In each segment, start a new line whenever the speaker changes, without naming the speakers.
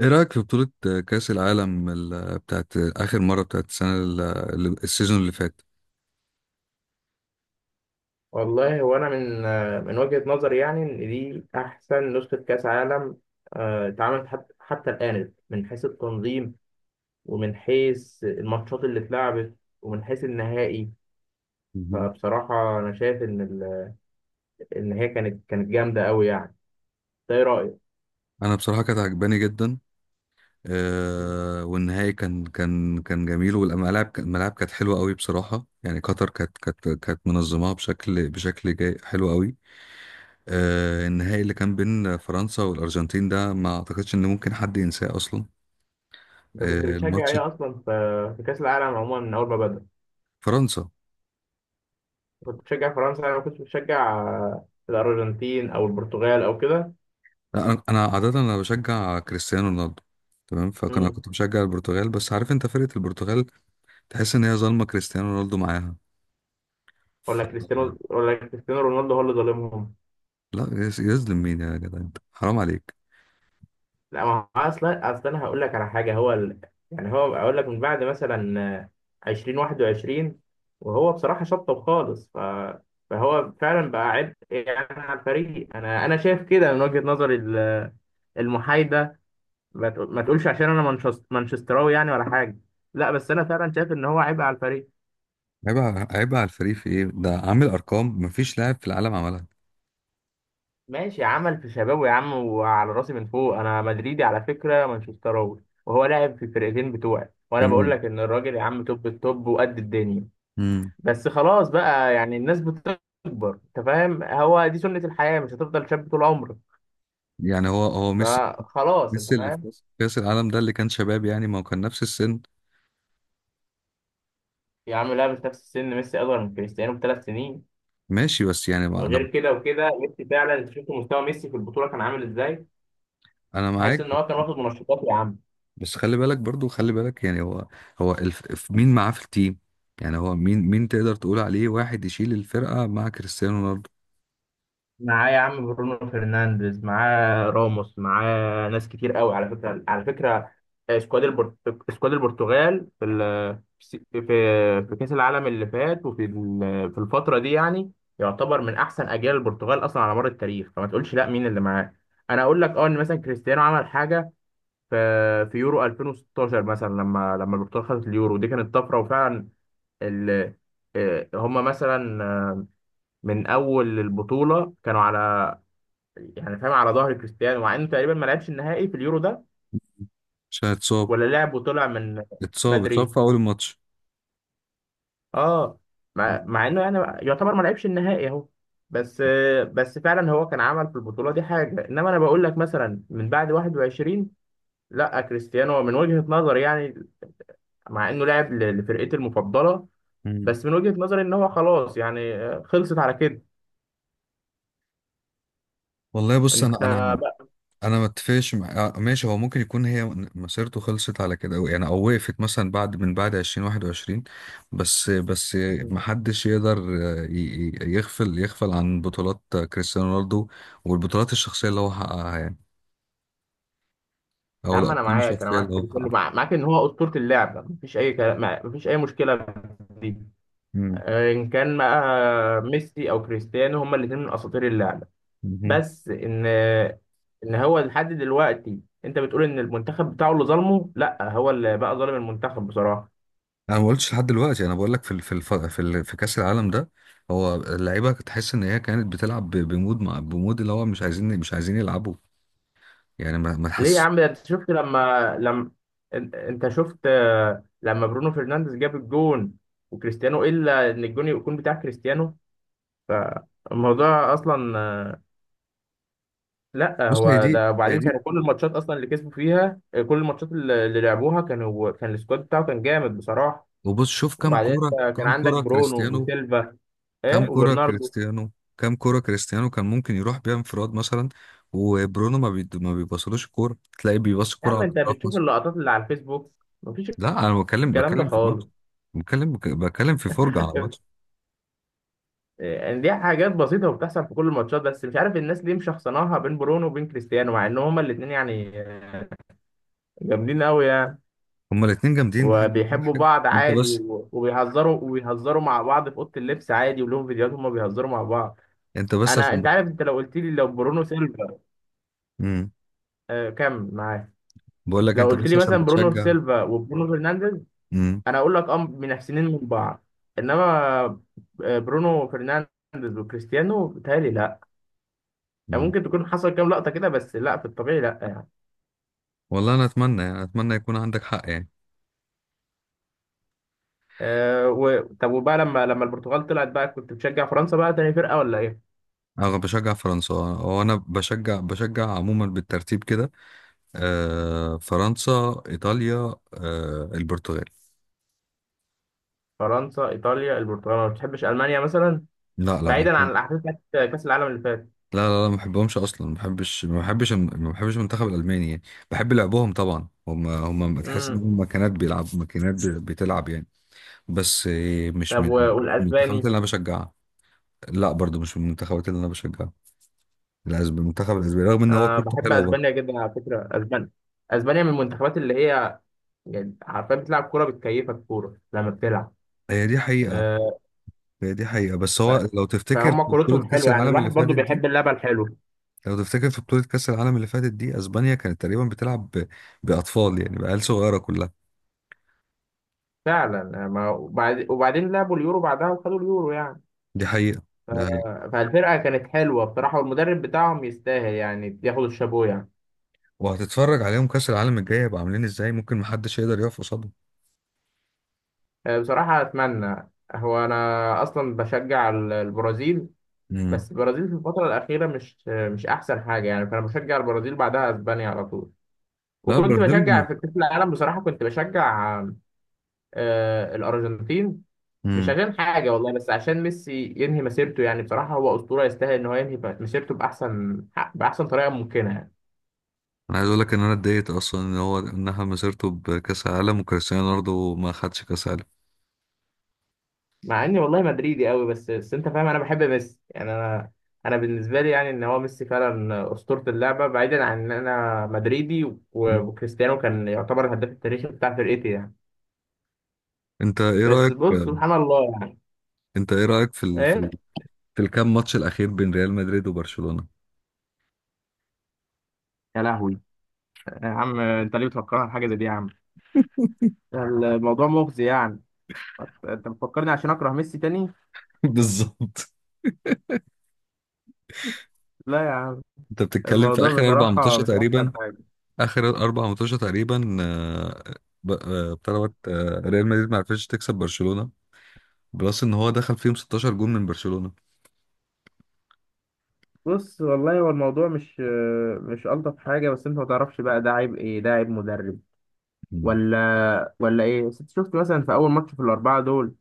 ايه رأيك في بطولة كأس العالم بتاعت آخر مرة بتاعت السنة السيزون اللي فات.
والله هو أنا من وجهة نظري يعني إن دي أحسن نسخة كأس عالم اتعملت حتى الآن من حيث التنظيم، ومن حيث الماتشات اللي اتلعبت، ومن حيث النهائي.
مهم.
فبصراحة أنا شايف إن هي كانت جامدة أوي يعني، ده إيه رأيك؟
انا بصراحة كانت عجباني جدا. والنهائي كان جميل والملاعب الملاعب كانت حلوة قوي بصراحة، يعني قطر كانت منظماها بشكل جاي حلو قوي. النهائي اللي كان بين فرنسا والأرجنتين ده ما اعتقدش ان ممكن حد ينساه اصلا.
أنت كنت بتشجع
الماتش
إيه أصلا في كأس العالم عموما من أول ما بدأ؟
فرنسا.
كنت بتشجع فرنسا، أنا ما كنتش بتشجع الأرجنتين أو البرتغال أو كده؟
لا، أنا عاده انا بشجع كريستيانو رونالدو، تمام، فانا
مم.
كنت بشجع البرتغال، بس عارف انت فرقه البرتغال تحس ان هي ظالمه كريستيانو رونالدو معاها.
ولا
ف
كريستيانو ولا كريستيانو رونالدو هو اللي ظالمهم؟
لا يز- يظلم مين يا جدع، انت حرام عليك.
لا، ما هو اصلا انا هقول لك على حاجه، يعني هو اقول لك من بعد مثلا 2021، وهو بصراحه شطب خالص، فهو فعلا بقى عبء يعني على الفريق. انا شايف كده من وجهه نظري المحايده. ما تقولش عشان انا مانشستراوي يعني ولا حاجه. لا، بس انا فعلا شايف ان هو عبء على الفريق.
عيب على الفريق في ايه؟ ده عامل ارقام مفيش لاعب في العالم عملها.
ماشي، عمل في شبابه يا عم، وعلى راسي من فوق. انا مدريدي على فكره، مانشستراوي وهو لاعب في الفرقتين بتوعي، وانا بقول
كمان.
لك ان الراجل يا عم توب التوب وقد الدنيا.
امم
بس خلاص بقى، يعني الناس بتكبر، انت فاهم، هو دي سنة الحياة، مش هتفضل شاب طول عمرك.
يعني هو ميسي،
فخلاص، انت
ميسي اللي في
فاهم.
كأس العالم ده اللي كان شباب، يعني ما هو كان نفس السن.
يا عم لعب في نفس السن، ميسي اصغر من كريستيانو ب3 سنين.
ماشي بس يعني
غير
انا،
كده وكده، ميسي فعلا انت شفت مستوى ميسي في البطولة كان عامل ازاي.
انا
تحس
معاك،
ان هو كان واخد منشطات يا عم.
بس خلي بالك برضو، خلي بالك يعني هو، مين معاه في التيم؟ يعني هو مين تقدر تقول عليه واحد يشيل الفرقة مع كريستيانو رونالدو؟
معاه يا عم برونو فرنانديز، معاه راموس، معاه ناس كتير قوي، على فكره. آه، سكواد البرت... سكواد البرتغال في في كاس العالم اللي فات، في الفتره دي، يعني يعتبر من احسن اجيال البرتغال اصلا على مر التاريخ. فما تقولش لا مين اللي معاه. انا اقول لك ان مثلا كريستيانو عمل حاجه في في يورو 2016 مثلا، لما البرتغال خدت اليورو دي كانت طفره. وفعلا، ال... آه، هم مثلا من اول البطوله كانوا على يعني فاهم، على ظهر كريستيانو، مع انه تقريبا ما لعبش النهائي في اليورو ده
عشان اتصاب،
ولا لعب، وطلع من
اتصاب
بدري.
في أول الماتش.
اه مع انه يعني يعتبر ما لعبش النهائي اهو. بس بس فعلا هو كان عمل في البطوله دي حاجه، انما انا بقول لك مثلا من بعد 21، لا كريستيانو من وجهه نظري يعني، مع انه لعب لفرقتي المفضله،
مم.
بس من وجهه نظري ان هو خلاص يعني خلصت على كده.
والله بص،
انت
انا
بقى؟
أنا ما اتفقش مع... آه، ماشي، هو ممكن يكون هي مسيرته خلصت على كده، أو يعني او وقفت مثلا بعد من بعد 2021، بس ما حدش يقدر، يغفل عن بطولات كريستيانو رونالدو والبطولات الشخصيه اللي هو حققها، يعني
يا
او
عم انا
الارقام
معاك انا
الشخصيه
معاك
اللي
في
هو
ده كله،
حققها.
معاك ان هو اسطوره اللعبه، مفيش اي كلام، مفيش اي مشكله. دي
مم.
ان كان بقى ميسي او كريستيانو، هما الاثنين من اساطير اللعبه.
مهم.
بس ان هو لحد دلوقتي، انت بتقول ان المنتخب بتاعه اللي ظلمه، لا هو اللي بقى ظالم المنتخب بصراحه.
انا ما قلتش لحد دلوقتي، انا بقول لك في كاس العالم ده هو اللعيبه تحس ان هي كانت بتلعب بمود اللي هو مش عايزين، مش عايزين يلعبوا، يعني ما
ليه يا
تحس.
عم؟ ده انت شفت لما، انت شفت لما برونو فرنانديز جاب الجون، وكريستيانو الا ان الجون يكون بتاع كريستيانو. فالموضوع اصلا لا،
بص، هي
هو
دي
ده.
هي
وبعدين
دي
كانوا كل الماتشات اصلا اللي كسبوا فيها، كل الماتشات اللي لعبوها، كان السكواد بتاعه كان جامد بصراحه.
وبص شوف كام
وبعدين
كوره،
انت كان عندك برونو
كريستيانو،
وسيلفا، ايه؟
كام كوره
وبرناردو.
كريستيانو كام كوره كريستيانو كان ممكن يروح بيها انفراد مثلا؟ وبرونو ما بيبصلوش الكوره، تلاقي بيبص
يا
الكوره
عم
على
انت
الاطراف
بتشوف
مثلا.
اللقطات اللي على الفيسبوك، مفيش
لا انا بتكلم
الكلام ده
بتكلم في
خالص.
الماتش، بتكلم في فرجه على ماتش.
يعني دي حاجات بسيطه وبتحصل في كل الماتشات، بس مش عارف الناس ليه مشخصناها بين برونو وبين كريستيانو، مع ان هما الاثنين يعني جامدين قوي يعني.
هما الاتنين جامدين بحد كل
وبيحبوا
حاجة،
بعض
انت
عادي،
بس،
وبيهزروا مع بعض في اوضه اللبس عادي، ولهم فيديوهات هما بيهزروا مع بعض.
انت بس
انا
عشان
انت
بت...
عارف، انت لو قلت لي لو برونو سيلفا،
امم،
كمل معاك.
بقول لك
لو
انت
قلت
بس
لي مثلا
عشان
برونو
بتشجع.
سيلفا وبرونو فرنانديز،
امم.
انا اقول لك اه من احسنين من بعض، انما برونو فرنانديز وكريستيانو بيتهيألي لا. يعني
امم.
ممكن تكون حصل كام لقطه كده، بس لا في الطبيعي لا يعني.
والله انا اتمنى، يعني اتمنى يكون عندك حق يعني.
طب وبقى لما البرتغال طلعت بقى، كنت بتشجع فرنسا بقى تاني فرقه ولا ايه؟
انا بشجع فرنسا، هو انا بشجع، عموما بالترتيب كده: فرنسا، ايطاليا، البرتغال.
فرنسا، ايطاليا، البرتغال، ما بتحبش المانيا مثلا؟
لا لا ما
بعيدا عن
بحب-
الاحداث بتاعت كاس العالم اللي فات.
لا لا لا، ما بحبهمش اصلا، ما بحبش، ما بحبش المنتخب الالماني يعني. بحب لعبهم طبعا، هم تحس ان
امم.
هم ماكينات، بيلعب ماكينات، بتلعب يعني. بس إيه، مش
طب
من من المنتخبات
والاسباني؟
اللي انا بشجعها. لا برضو مش من المنتخبات اللي انا بشجعها. المنتخب الاسباني رغم ان هو
انا
كورته
بحب
حلوه برضه.
اسبانيا جدا على فكره. اسبانيا، اسبانيا من المنتخبات اللي هي يعني عارفه بتلعب كوره بتكيفك، كوره لما بتلعب.
هي دي حقيقه.
أه
هي دي حقيقه، بس
ف-
هو لو تفتكر في
فهم
بطوله
كورتهم
كاس
حلوه يعني،
العالم
الواحد
اللي
برضو
فاتت دي،
بيحب اللعبه الحلوه.
لو تفتكر في بطوله كاس العالم اللي فاتت دي، اسبانيا كانت تقريبا باطفال، يعني بعيال صغيره كلها.
فعلا، وبعدين لعبوا اليورو بعدها وخدوا اليورو يعني.
دي حقيقه.
ف-
دي حقيقه.
فالفرقه كانت حلوه بصراحه، والمدرب بتاعهم يستاهل يعني ياخد الشابو يعني.
وهتتفرج عليهم كاس العالم الجاي هيبقى عاملين ازاي؟ ممكن محدش يقدر يقف قصادهم.
بصراحه اتمنى. هو انا اصلا بشجع البرازيل،
امم.
بس البرازيل في الفتره الاخيره مش احسن حاجه يعني، فانا بشجع البرازيل، بعدها اسبانيا على طول.
لا
وكنت
البرازيل.
بشجع في كأس العالم بصراحة، كنت بشجع الأرجنتين، مش
امم.
عشان حاجة والله، بس عشان ميسي ينهي مسيرته يعني. بصراحة هو أسطورة، يستاهل إن هو ينهي مسيرته بأحسن طريقة ممكنة يعني.
انا عايز اقول لك ان انا اتضايقت اصلا ان هو انها مسيرته بكاس عالم وكريستيانو رونالدو ما خدش كاس عالم.
مع إني والله مدريدي قوي، بس بس أنت فاهم، أنا بحب ميسي يعني أنا بالنسبة لي يعني إن هو ميسي فعلا أسطورة اللعبة، بعيدا عن إن أنا مدريدي،
مم.
وكريستيانو كان يعتبر الهداف التاريخي بتاع فرقتي يعني.
انت ايه
بس
رايك،
بص سبحان الله يعني.
انت ايه رايك في
إيه؟
في الكام ماتش الاخير بين ريال مدريد وبرشلونه؟
يا لهوي. يا عم أنت ليه بتفكرها بحاجة زي دي يا عم؟ الموضوع مغزي يعني. انت مفكرني عشان اكره ميسي تاني.
بالظبط.
لا يا عم،
انت بتتكلم في
الموضوع
اخر اربع
بصراحة
ماتشات
مش احسن
تقريبا،
حاجة.
اخر اربع ماتشات تقريبا، بتاع دوت، آه، ريال مدريد ما عرفتش تكسب برشلونه، بلس ان هو دخل فيهم 16 جون من برشلونه.
بص، والله هو الموضوع مش الطف حاجة، بس انت ما تعرفش بقى، ده عيب ايه؟ ده عيب مدرب
مم.
ولا ايه؟ بس انت شفت مثلا في اول ماتش في الاربعة دول،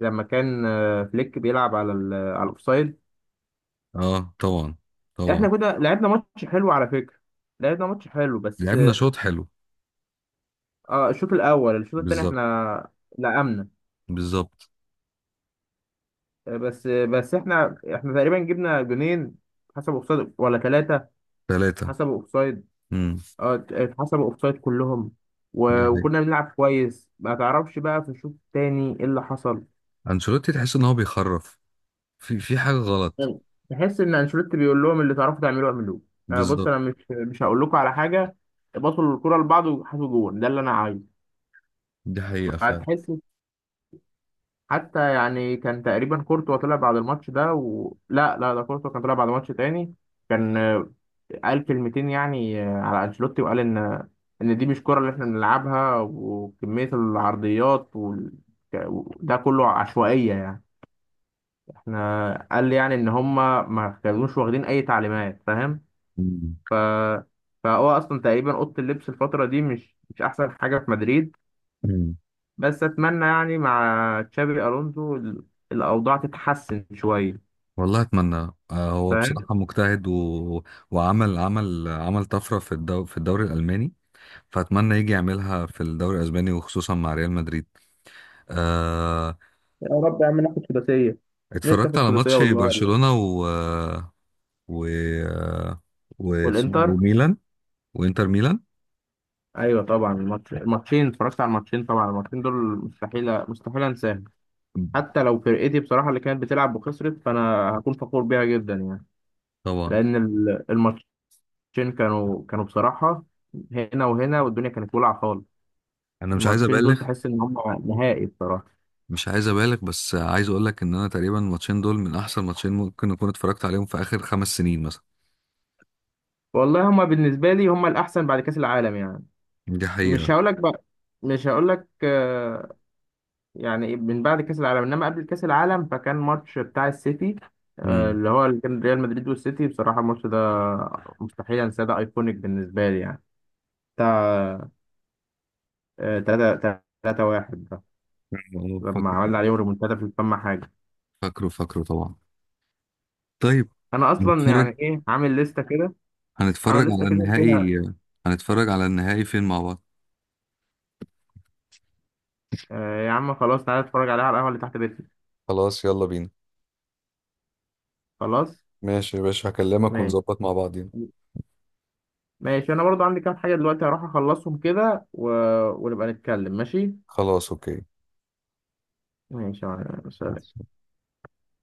لما كان فليك بيلعب على الاوفسايد.
اه طبعا، طبعا.
احنا كده لعبنا ماتش حلو على فكرة، لعبنا ماتش حلو بس.
لعبنا شوط حلو.
اه، الشوط الاول الشوط التاني
بالظبط.
احنا لقمنا.
بالظبط.
بس بس احنا تقريبا جبنا جونين حسب اوفسايد ولا ثلاثة.
ثلاثة.
حسب اوفسايد،
امم.
اه، حسب اوفسايد كلهم، وكنا بنلعب كويس. ما تعرفش بقى في الشوط التاني ايه اللي حصل.
انشيلوتي تحس ان هو بيخرف، في حاجه غلط.
تحس ان انشيلوتي بيقول لهم اللي تعرفوا تعملوه اعملوه. بص
بالظبط.
انا مش هقول لكم على حاجة، بطلوا الكرة لبعض وحطوا جون ده اللي انا عايزه.
دي حقيقه فعلا.
تحس، حتى يعني كان تقريبا كورتوا طلع بعد الماتش ده، لا لا، ده كورتوا كان طلع بعد ماتش تاني. كان قال كلمتين يعني على انشيلوتي، وقال ان ان دي مش كرة اللي احنا بنلعبها، وكمية العرضيات ده كله عشوائية يعني. احنا، قال لي يعني ان هما ما كانوش واخدين اي تعليمات، فاهم؟
مم.
ف... فهو اصلا تقريبا اوضة اللبس الفترة دي مش احسن حاجة في مدريد،
مم.
بس اتمنى يعني مع تشابي الونزو الاوضاع تتحسن شويه
والله اتمنى. هو
فاهم.
بصراحه مجتهد، وعمل عمل طفره في في الدوري الالماني، فاتمنى يجي يعملها في الدوري الاسباني وخصوصا مع ريال مدريد. آه.
يا رب يا عم ناخد سداسيه. نفسي
اتفرجت
اخد
على
سداسيه
ماتش
والله والله.
برشلونه و و و... اسمه- إيه،
والانتر.
وميلان، وانتر ميلان
ايوه طبعا الماتشين اتفرجت على الماتشين طبعا. الماتشين دول مستحيل مستحيل انساهم. حتى لو فرقتي بصراحه اللي كانت بتلعب وخسرت، فانا هكون فخور بيها جدا يعني،
طبعا.
لان الماتشين كانوا بصراحه هنا وهنا، والدنيا كانت ولعه خالص.
انا مش عايز
الماتشين دول
ابالغ،
تحس ان هم نهائي بصراحه.
مش عايز ابالغ، بس عايز اقول لك ان انا تقريبا الماتشين دول من احسن ماتشين ممكن اكون اتفرجت عليهم في اخر خمس سنين مثلا.
والله هم بالنسبه لي هم الاحسن بعد كاس العالم يعني.
دي
مش
حقيقة.
هقولك بقى مش هقولك يعني من بعد كأس العالم، انما قبل كأس العالم، فكان ماتش بتاع السيتي،
امم.
اللي هو اللي كان ريال مدريد والسيتي. بصراحة الماتش ده مستحيل انساه، ده ايكونيك بالنسبة لي يعني. بتاع 3 3 1 ده،
آه،
لما
فاكره.
عملنا عليهم ريمونتادا في الفم حاجة.
فاكره، فاكره طبعا. طيب.
انا اصلا يعني
هنتفرج،
ايه عامل لستة كده، عامل
هنتفرج
لستة
على
كده فيها.
النهائي. هنتفرج على النهائي فين مع بعض؟
آه، يا عم خلاص تعالى اتفرج عليها على القهوة اللي تحت بيتنا.
خلاص يلا بينا.
خلاص.
ماشي يا باشا، هكلمك
ماشي
ونظبط مع بعضين.
ماشي، انا برضو عندي كام حاجة دلوقتي هروح اخلصهم كده، و... ونبقى نتكلم. ماشي.
خلاص اوكي.
ماشي يا معلم. سلام.